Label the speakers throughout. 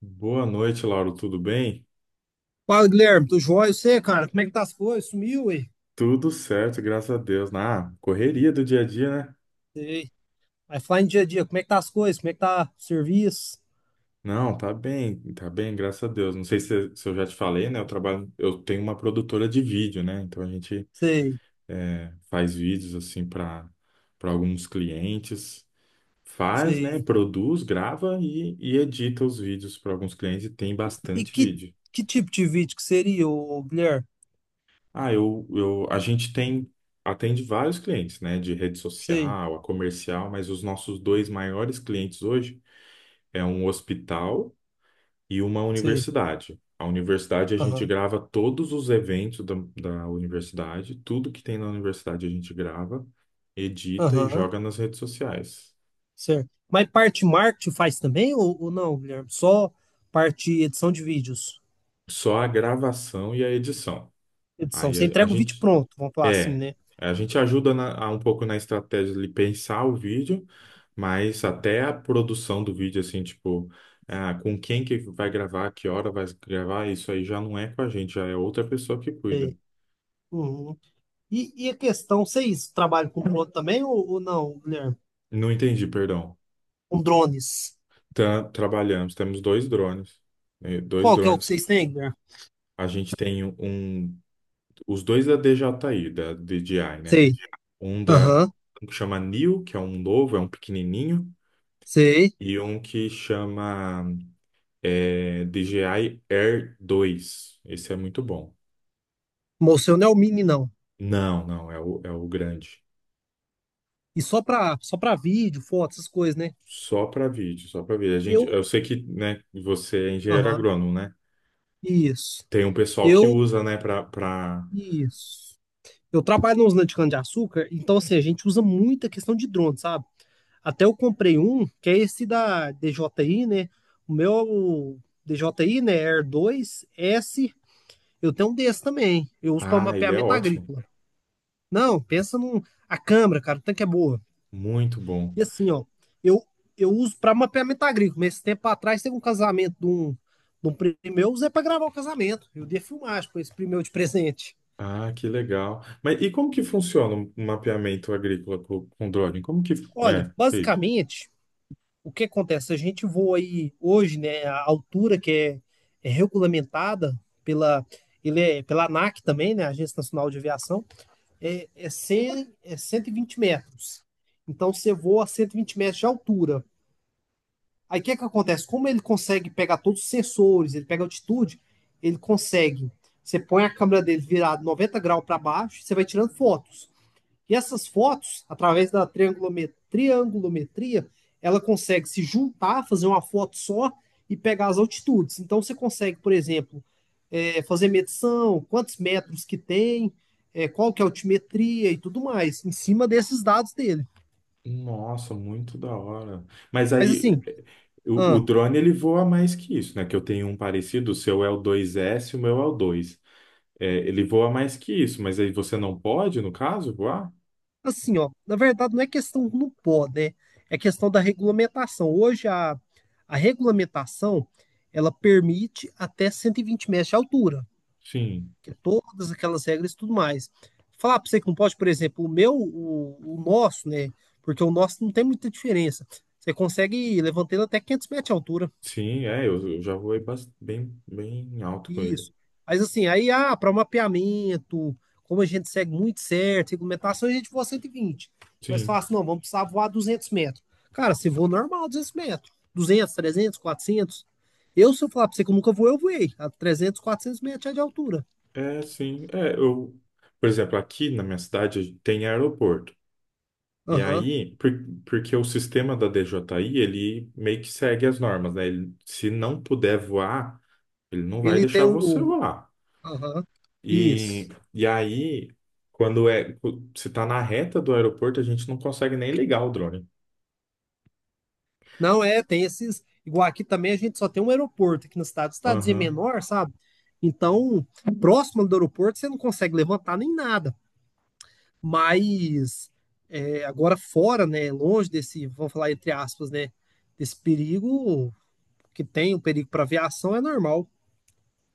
Speaker 1: Boa noite, Lauro. Tudo bem?
Speaker 2: Fala, Guilherme, tudo jóia? E você, cara, como é que tá as coisas? Sumiu, ué?
Speaker 1: Tudo certo, graças a Deus. Ah, correria do dia a dia, né?
Speaker 2: Sei. Vai falar em dia a dia, como é que tá as coisas? Como é que tá o serviço?
Speaker 1: Não, tá bem, graças a Deus. Não sei se eu já te falei, né? Eu trabalho, eu tenho uma produtora de vídeo, né? Então a gente
Speaker 2: Sei,
Speaker 1: é, faz vídeos assim para alguns clientes, faz, né?
Speaker 2: sei.
Speaker 1: Produz, grava e edita os vídeos para alguns clientes e tem
Speaker 2: E
Speaker 1: bastante
Speaker 2: que,
Speaker 1: vídeo.
Speaker 2: que tipo de vídeo que seria, ô, Guilherme?
Speaker 1: Ah, eu a gente tem atende vários clientes, né? De rede
Speaker 2: Sei,
Speaker 1: social, a comercial, mas os nossos dois maiores clientes hoje é um hospital e uma
Speaker 2: sei.
Speaker 1: universidade. A universidade a gente
Speaker 2: Aham,
Speaker 1: grava todos os eventos da universidade, tudo que tem na universidade a gente grava, edita e
Speaker 2: aham,
Speaker 1: joga nas redes sociais.
Speaker 2: certo. Mas parte marketing faz também ou não, Guilherme? Só parte edição de vídeos.
Speaker 1: Só a gravação e a edição.
Speaker 2: Edição, você
Speaker 1: Aí a, a
Speaker 2: entrega o vídeo
Speaker 1: gente
Speaker 2: pronto, vamos falar assim,
Speaker 1: é,
Speaker 2: né?
Speaker 1: a gente ajuda a um pouco na estratégia de pensar o vídeo, mas até a produção do vídeo assim, tipo, ah, com quem que vai gravar, que hora vai gravar, isso aí já não é com a gente, já é outra pessoa que cuida.
Speaker 2: Sei. Uhum. E a questão, vocês trabalham com drone também ou não, Guilherme?
Speaker 1: Não entendi, perdão.
Speaker 2: Com drones?
Speaker 1: Trabalhamos, temos dois drones, né, dois
Speaker 2: Qual que é o que
Speaker 1: drones.
Speaker 2: vocês têm, Guilherme?
Speaker 1: A gente tem um, os dois da DJI, da DJI, né?
Speaker 2: Sei.
Speaker 1: Um da,
Speaker 2: Aham.
Speaker 1: um que chama Neo, que é um novo, é um pequenininho,
Speaker 2: Sei.
Speaker 1: e um que chama DJI Air dois. Esse é muito bom.
Speaker 2: Mostrou não é o mini, não.
Speaker 1: Não, não, é o, é o grande.
Speaker 2: E só pra vídeo, foto, essas coisas, né?
Speaker 1: Só para vídeo, só para vídeo. A gente,
Speaker 2: Eu.
Speaker 1: eu sei que, né, você é engenheiro
Speaker 2: Aham.
Speaker 1: agrônomo, né?
Speaker 2: Isso.
Speaker 1: Tem um pessoal que
Speaker 2: Eu.
Speaker 1: usa, né, para, para...
Speaker 2: Isso. Eu trabalho na usina de cana-de-açúcar, então, assim, a gente usa muito a questão de drone, sabe? Até eu comprei um, que é esse da DJI, né? O meu é o DJI, né? Air dois s. Eu tenho um desse também. Eu uso para
Speaker 1: Ah, ele é
Speaker 2: mapeamento
Speaker 1: ótimo.
Speaker 2: agrícola. Não, pensa num. A câmera, cara, o tanque é boa.
Speaker 1: Muito bom.
Speaker 2: E assim, ó, eu, eu uso para mapeamento agrícola. Mas esse tempo atrás teve um casamento de um primo meu, eu usei para gravar o casamento. Eu dei filmagem com esse primo meu de presente.
Speaker 1: Ah, que legal. Mas e como que funciona um mapeamento agrícola com drone? Como que
Speaker 2: Olha,
Speaker 1: é feito?
Speaker 2: basicamente, o que acontece? A gente voa aí hoje, né? A altura que é regulamentada pela, pela ANAC também, né? Agência Nacional de Aviação, 100, é 120 metros. Então você voa a 120 metros de altura. Aí o que, é que acontece? Como ele consegue pegar todos os sensores, ele pega altitude, ele consegue. Você põe a câmera dele virada 90 graus para baixo, você vai tirando fotos. E essas fotos, através da triangulometria, ela consegue se juntar, fazer uma foto só e pegar as altitudes. Então você consegue, por exemplo, fazer medição, quantos metros que tem, qual que é a altimetria e tudo mais, em cima desses dados dele.
Speaker 1: Nossa, muito da hora. Mas
Speaker 2: Mas assim,
Speaker 1: aí o
Speaker 2: ah,
Speaker 1: drone ele voa mais que isso, né? Que eu tenho um parecido, o seu é o 2S, o meu é o 2. É, ele voa mais que isso, mas aí você não pode, no caso, voar?
Speaker 2: Assim, ó, na verdade não é questão do não pode, né? É questão da regulamentação. Hoje a regulamentação, ela permite até 120 metros de altura,
Speaker 1: Sim,
Speaker 2: que é todas aquelas regras e tudo mais. Falar para você que não pode, por exemplo, o meu, o nosso, né? Porque o nosso não tem muita diferença. Você consegue levantar ele até 500 metros de altura.
Speaker 1: sim, é, eu já voei bem, bem alto com ele.
Speaker 2: Isso. Mas assim, aí, para mapeamento, como a gente segue muito certo, regulamentação, a gente voa 120. Mas
Speaker 1: Sim,
Speaker 2: fala assim, não, vamos precisar voar 200 metros. Cara, você voa normal 200 metros. 200, 300, 400. Se eu falar pra você que eu nunca voei, eu voei. A 300, 400 metros já é de altura.
Speaker 1: sim, é, eu, por exemplo, aqui na minha cidade tem aeroporto. E
Speaker 2: Aham.
Speaker 1: aí, porque o sistema da DJI, ele meio que segue as normas, né? Ele, se não puder voar, ele não vai
Speaker 2: Ele tem
Speaker 1: deixar você
Speaker 2: o-
Speaker 1: voar.
Speaker 2: Aham.
Speaker 1: E,
Speaker 2: Isso.
Speaker 1: e aí, quando se tá na reta do aeroporto, a gente não consegue nem ligar o drone.
Speaker 2: Não é, tem esses. Igual aqui também a gente só tem um aeroporto aqui na cidade. Cidadezinha
Speaker 1: Aham,
Speaker 2: menor, sabe? Então, próximo do aeroporto, você não consegue levantar nem nada. Mas agora fora, né, longe desse, vamos falar entre aspas, né, desse perigo que tem, o perigo para aviação é normal.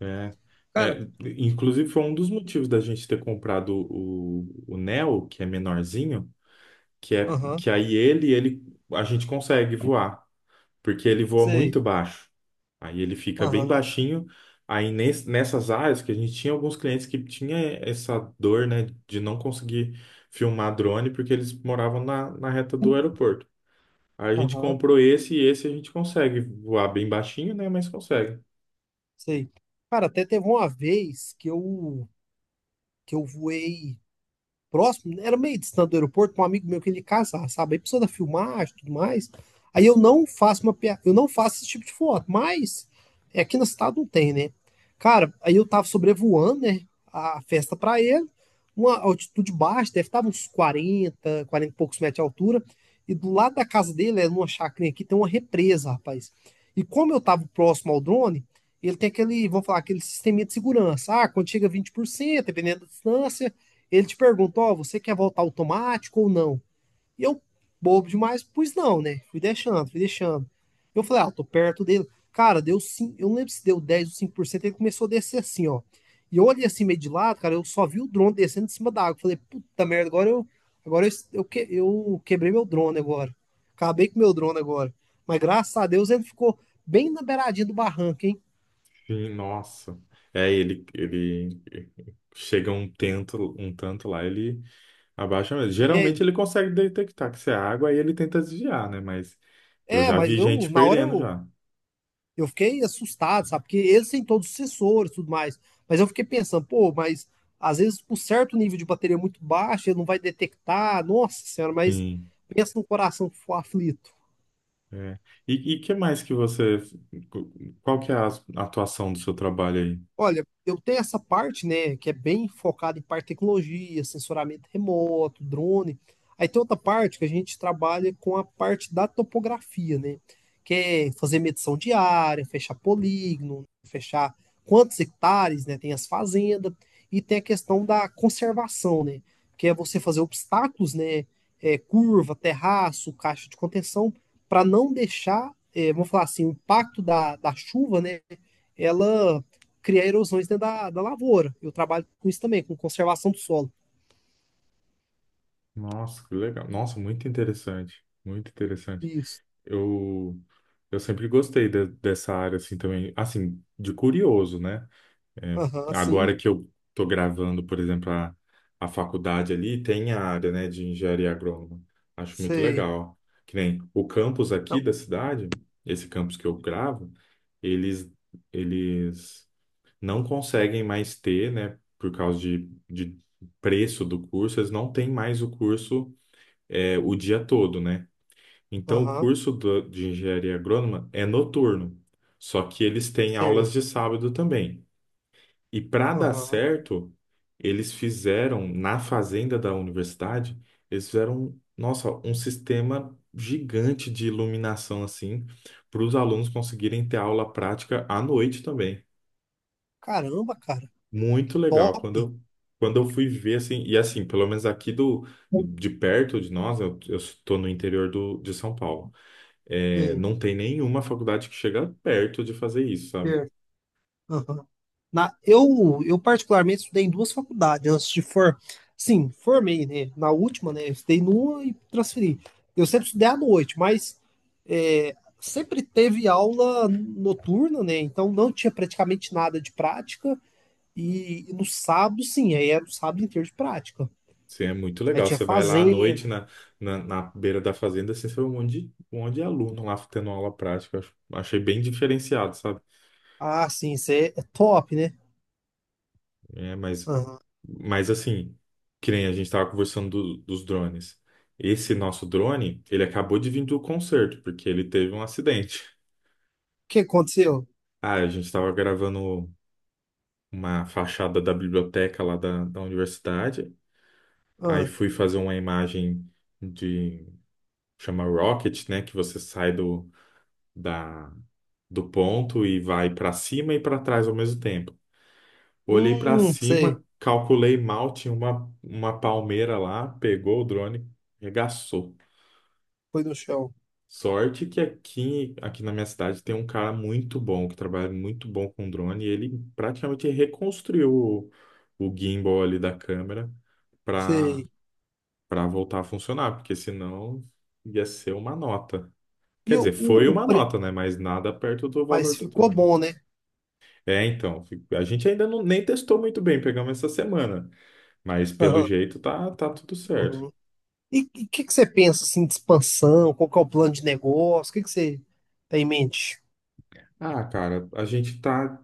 Speaker 1: é.
Speaker 2: Cara,
Speaker 1: É, inclusive foi um dos motivos da gente ter comprado o Neo, que é menorzinho, que é
Speaker 2: aham,
Speaker 1: que aí ele a gente consegue voar, porque ele voa
Speaker 2: sei,
Speaker 1: muito baixo. Aí ele fica bem
Speaker 2: aham,
Speaker 1: baixinho. Aí nessas áreas que a gente tinha alguns clientes que tinha essa dor, né, de não conseguir filmar drone porque eles moravam na reta do aeroporto. Aí a gente
Speaker 2: aham,
Speaker 1: comprou esse e esse a gente consegue voar bem baixinho, né, mas consegue.
Speaker 2: sei. Cara, até teve uma vez que eu voei próximo, né, era meio distante do aeroporto, pra um amigo meu que ele ia casar, sabe? Aí precisou da filmagem e tudo mais. Aí eu não faço eu não faço esse tipo de foto, mas aqui na cidade não tem, né? Cara, aí eu tava sobrevoando, né, a festa pra ele, uma altitude baixa, deve estar uns 40 e poucos metros de altura, e do lado da casa dele, é numa chacrinha aqui, tem uma represa, rapaz. E como eu tava próximo ao drone, ele tem aquele, vamos falar, aquele sisteminha de segurança. Ah, quando chega a 20% dependendo da distância, ele te pergunta, ó, você quer voltar automático ou não? E eu, bobo demais, pois não, né? Fui deixando, fui deixando. Eu falei, ah, eu tô perto dele. Cara, deu 5, eu não lembro se deu 10 ou 5%. Ele começou a descer assim, ó. E eu olhei assim meio de lado, cara, eu só vi o drone descendo de cima da água. Falei, puta merda, agora eu eu quebrei meu drone agora. Acabei com meu drone agora. Mas graças a Deus ele ficou bem na beiradinha do barranco, hein?
Speaker 1: Sim, nossa. É, ele chega um tanto lá, ele abaixa mesmo.
Speaker 2: É,
Speaker 1: Geralmente ele consegue detectar que isso é água, aí ele tenta desviar, né, mas eu já
Speaker 2: mas
Speaker 1: vi
Speaker 2: eu,
Speaker 1: gente
Speaker 2: na hora
Speaker 1: perdendo
Speaker 2: eu,
Speaker 1: já.
Speaker 2: Eu fiquei assustado, sabe? Porque eles têm todos os sensores e tudo mais. Mas eu fiquei pensando, pô, mas às vezes por certo nível de bateria é muito baixo, ele não vai detectar. Nossa senhora, mas
Speaker 1: Sim.
Speaker 2: pensa no coração que for aflito.
Speaker 1: É. E que mais que você. Qual que é a atuação do seu trabalho aí?
Speaker 2: Olha, eu tenho essa parte, né, que é bem focada em parte de tecnologia, sensoramento remoto, drone. Aí tem outra parte que a gente trabalha com a parte da topografia, né, que é fazer medição de área, fechar polígono, fechar quantos hectares, né, tem as fazendas, e tem a questão da conservação, né, que é você fazer obstáculos, né, curva, terraço, caixa de contenção, para não deixar, vamos falar assim, o impacto da chuva, né, ela cria erosões dentro da lavoura. Eu trabalho com isso também, com conservação do solo.
Speaker 1: Nossa, que legal. Nossa, muito interessante. Muito interessante.
Speaker 2: Isso.
Speaker 1: Eu, eu sempre gostei dessa área assim também, assim, de curioso, né? É,
Speaker 2: Aham, sim.
Speaker 1: agora que eu tô gravando, por exemplo, a faculdade ali, tem a área, né, de engenharia agrônoma. Acho muito
Speaker 2: Sei.
Speaker 1: legal. Que nem o campus aqui da cidade, esse campus que eu gravo, eles, eles não conseguem mais ter, né, por causa de preço do curso, eles não têm mais o curso o dia todo, né? Então, o
Speaker 2: Aham,
Speaker 1: curso de engenharia agrônoma é noturno, só que eles têm
Speaker 2: sei.
Speaker 1: aulas de sábado também. E para dar
Speaker 2: Aham.
Speaker 1: certo, eles fizeram, na fazenda da universidade, eles fizeram, nossa, um sistema gigante de iluminação, assim, para os alunos conseguirem ter aula prática à noite também.
Speaker 2: Caramba, cara.
Speaker 1: Muito legal.
Speaker 2: Top.
Speaker 1: Quando eu fui ver, assim, e assim, pelo menos aqui do, de perto de nós, eu estou no interior do, de São Paulo. É,
Speaker 2: Sei.
Speaker 1: não tem nenhuma faculdade que chega perto de fazer isso, sabe?
Speaker 2: Certo. Aham. Eu particularmente estudei em duas faculdades antes de sim, formei, né? Na última, né? Eu estudei numa e transferi. Eu sempre estudei à noite, mas sempre teve aula noturna, né? Então não tinha praticamente nada de prática. E no sábado, sim, aí era o sábado inteiro de prática.
Speaker 1: Assim, é muito
Speaker 2: Aí
Speaker 1: legal.
Speaker 2: tinha
Speaker 1: Você vai lá à
Speaker 2: fazenda.
Speaker 1: noite na beira da fazenda, assim, você vê um monte de aluno lá tendo aula prática. Eu achei bem diferenciado, sabe?
Speaker 2: Ah, sim, isso é top, né?
Speaker 1: É,
Speaker 2: Aham. O
Speaker 1: mas assim, que nem a gente estava conversando dos drones. Esse nosso drone, ele acabou de vir do concerto, porque ele teve um acidente.
Speaker 2: que aconteceu?
Speaker 1: Ah, a gente estava gravando uma fachada da biblioteca lá da universidade. Aí
Speaker 2: Ah,
Speaker 1: fui fazer uma imagem de chama rocket, né, que você sai da do ponto e vai para cima e para trás ao mesmo tempo. Olhei para
Speaker 2: sei.
Speaker 1: cima, calculei mal, tinha uma palmeira lá, pegou o drone, regaçou.
Speaker 2: Foi no chão.
Speaker 1: Sorte que aqui, aqui na minha cidade tem um cara muito bom, que trabalha muito bom com drone, e ele praticamente reconstruiu o gimbal ali da câmera para
Speaker 2: Sei.
Speaker 1: para voltar a funcionar, porque senão ia ser uma nota.
Speaker 2: E
Speaker 1: Quer
Speaker 2: o,
Speaker 1: dizer,
Speaker 2: o,
Speaker 1: foi
Speaker 2: o
Speaker 1: uma
Speaker 2: pre-
Speaker 1: nota, né? Mas nada perto do
Speaker 2: Mas
Speaker 1: valor do
Speaker 2: ficou
Speaker 1: drone.
Speaker 2: bom, né?
Speaker 1: É, então, a gente ainda não, nem testou muito bem, pegamos essa semana, mas pelo
Speaker 2: Aham.
Speaker 1: jeito tá, tá tudo certo.
Speaker 2: Uhum. E o que, que você pensa, assim, de expansão? Qual que é o plano de negócio? O que, que você tem em mente?
Speaker 1: Ah, cara, a gente tá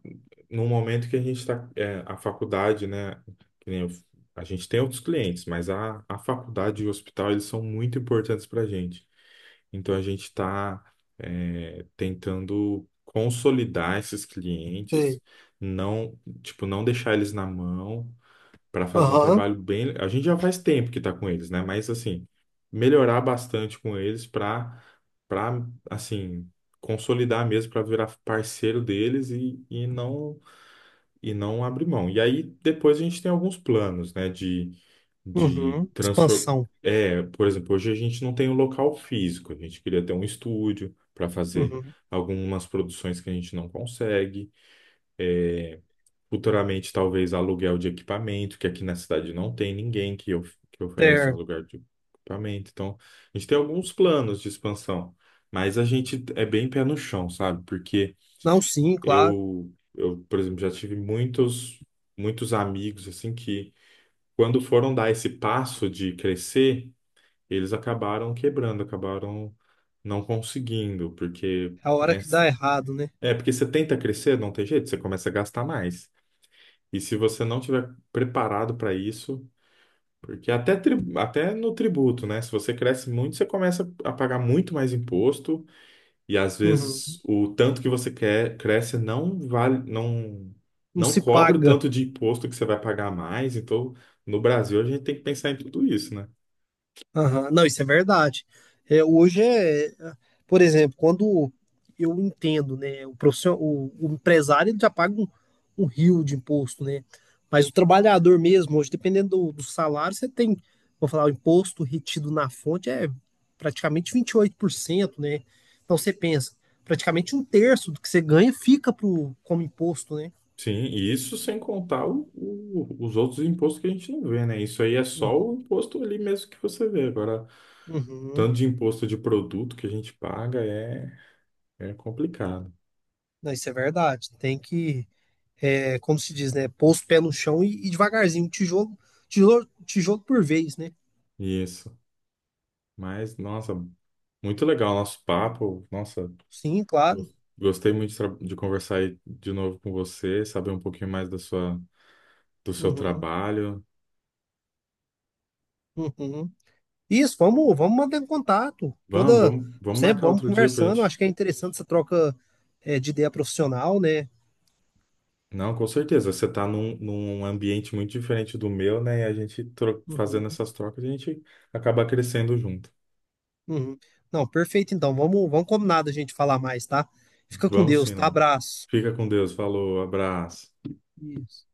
Speaker 1: num momento que a gente tá, é, a faculdade, né, que nem eu- a gente tem outros clientes, mas a faculdade e o hospital, eles são muito importantes pra gente. Então, a gente está tentando consolidar esses clientes,
Speaker 2: Sei.
Speaker 1: não, tipo, não deixar eles na mão para fazer um
Speaker 2: Aham.
Speaker 1: trabalho bem. A gente já faz tempo que está com eles, né? Mas assim, melhorar bastante com eles para assim consolidar mesmo para virar parceiro deles e não abrir mão. E aí depois a gente tem alguns planos, né? De
Speaker 2: Uhum.
Speaker 1: transformar.
Speaker 2: Expansão.
Speaker 1: É, por exemplo, hoje a gente não tem um local físico. A gente queria ter um estúdio para fazer
Speaker 2: Uhum.
Speaker 1: algumas produções que a gente não consegue. Futuramente, talvez aluguel de equipamento, que aqui na cidade não tem ninguém que oferece um
Speaker 2: Certo.
Speaker 1: aluguel de equipamento. Então, a gente tem alguns planos de expansão, mas a gente é bem pé no chão, sabe? Porque
Speaker 2: Não, sim, claro.
Speaker 1: eu, por exemplo, já tive muitos, muitos amigos assim que, quando foram dar esse passo de crescer, eles acabaram quebrando, acabaram não conseguindo, porque,
Speaker 2: É a hora
Speaker 1: né?
Speaker 2: que dá errado, né?
Speaker 1: É porque você tenta crescer, não tem jeito, você começa a gastar mais. E se você não tiver preparado para isso, porque até, até no tributo, né? Se você cresce muito, você começa a pagar muito mais imposto, e às vezes
Speaker 2: Uhum.
Speaker 1: o tanto que você quer cresce não vale,
Speaker 2: Não
Speaker 1: não
Speaker 2: se
Speaker 1: cobre o
Speaker 2: paga.
Speaker 1: tanto de imposto que você vai pagar a mais. Então, no Brasil, a gente tem que pensar em tudo isso, né?
Speaker 2: Aham. Não, isso é verdade. É, hoje é, por exemplo, quando eu entendo, né, o profissional, o empresário ele já paga um rio de imposto, né? Mas o trabalhador mesmo, hoje, dependendo do salário, você tem, vou falar, o imposto retido na fonte é praticamente 28%, né? Então você pensa, praticamente um terço do que você ganha fica pro, como imposto, né?
Speaker 1: Sim, e isso sem contar os outros impostos que a gente não vê, né? Isso aí é só
Speaker 2: Uhum,
Speaker 1: o imposto ali mesmo que você vê. Agora,
Speaker 2: uhum.
Speaker 1: tanto de imposto de produto que a gente paga é complicado.
Speaker 2: Não, isso é verdade. Tem que como se diz, né? Pôr os pés no chão e devagarzinho, um tijolo, tijolo, tijolo por vez, né?
Speaker 1: Isso. Mas, nossa, muito legal o nosso papo. Nossa,
Speaker 2: Sim, claro.
Speaker 1: gostei muito de, de conversar aí de novo com você, saber um pouquinho mais da sua, do seu
Speaker 2: Uhum,
Speaker 1: trabalho.
Speaker 2: uhum. Isso, vamos mantendo contato.
Speaker 1: Vamos
Speaker 2: Sempre
Speaker 1: marcar
Speaker 2: vamos
Speaker 1: outro dia pra
Speaker 2: conversando.
Speaker 1: gente.
Speaker 2: Acho que é interessante essa troca, de ideia profissional, né?
Speaker 1: Não, com certeza. Você tá num, num ambiente muito diferente do meu, né? E a gente
Speaker 2: Uhum,
Speaker 1: fazendo essas trocas, a gente acaba crescendo junto.
Speaker 2: uhum. Não, perfeito, então. Vamos combinar da gente falar mais, tá? Fica com
Speaker 1: Vamos
Speaker 2: Deus,
Speaker 1: sim,
Speaker 2: tá?
Speaker 1: lá.
Speaker 2: Abraço.
Speaker 1: Fica com Deus. Falou, abraço.
Speaker 2: Isso.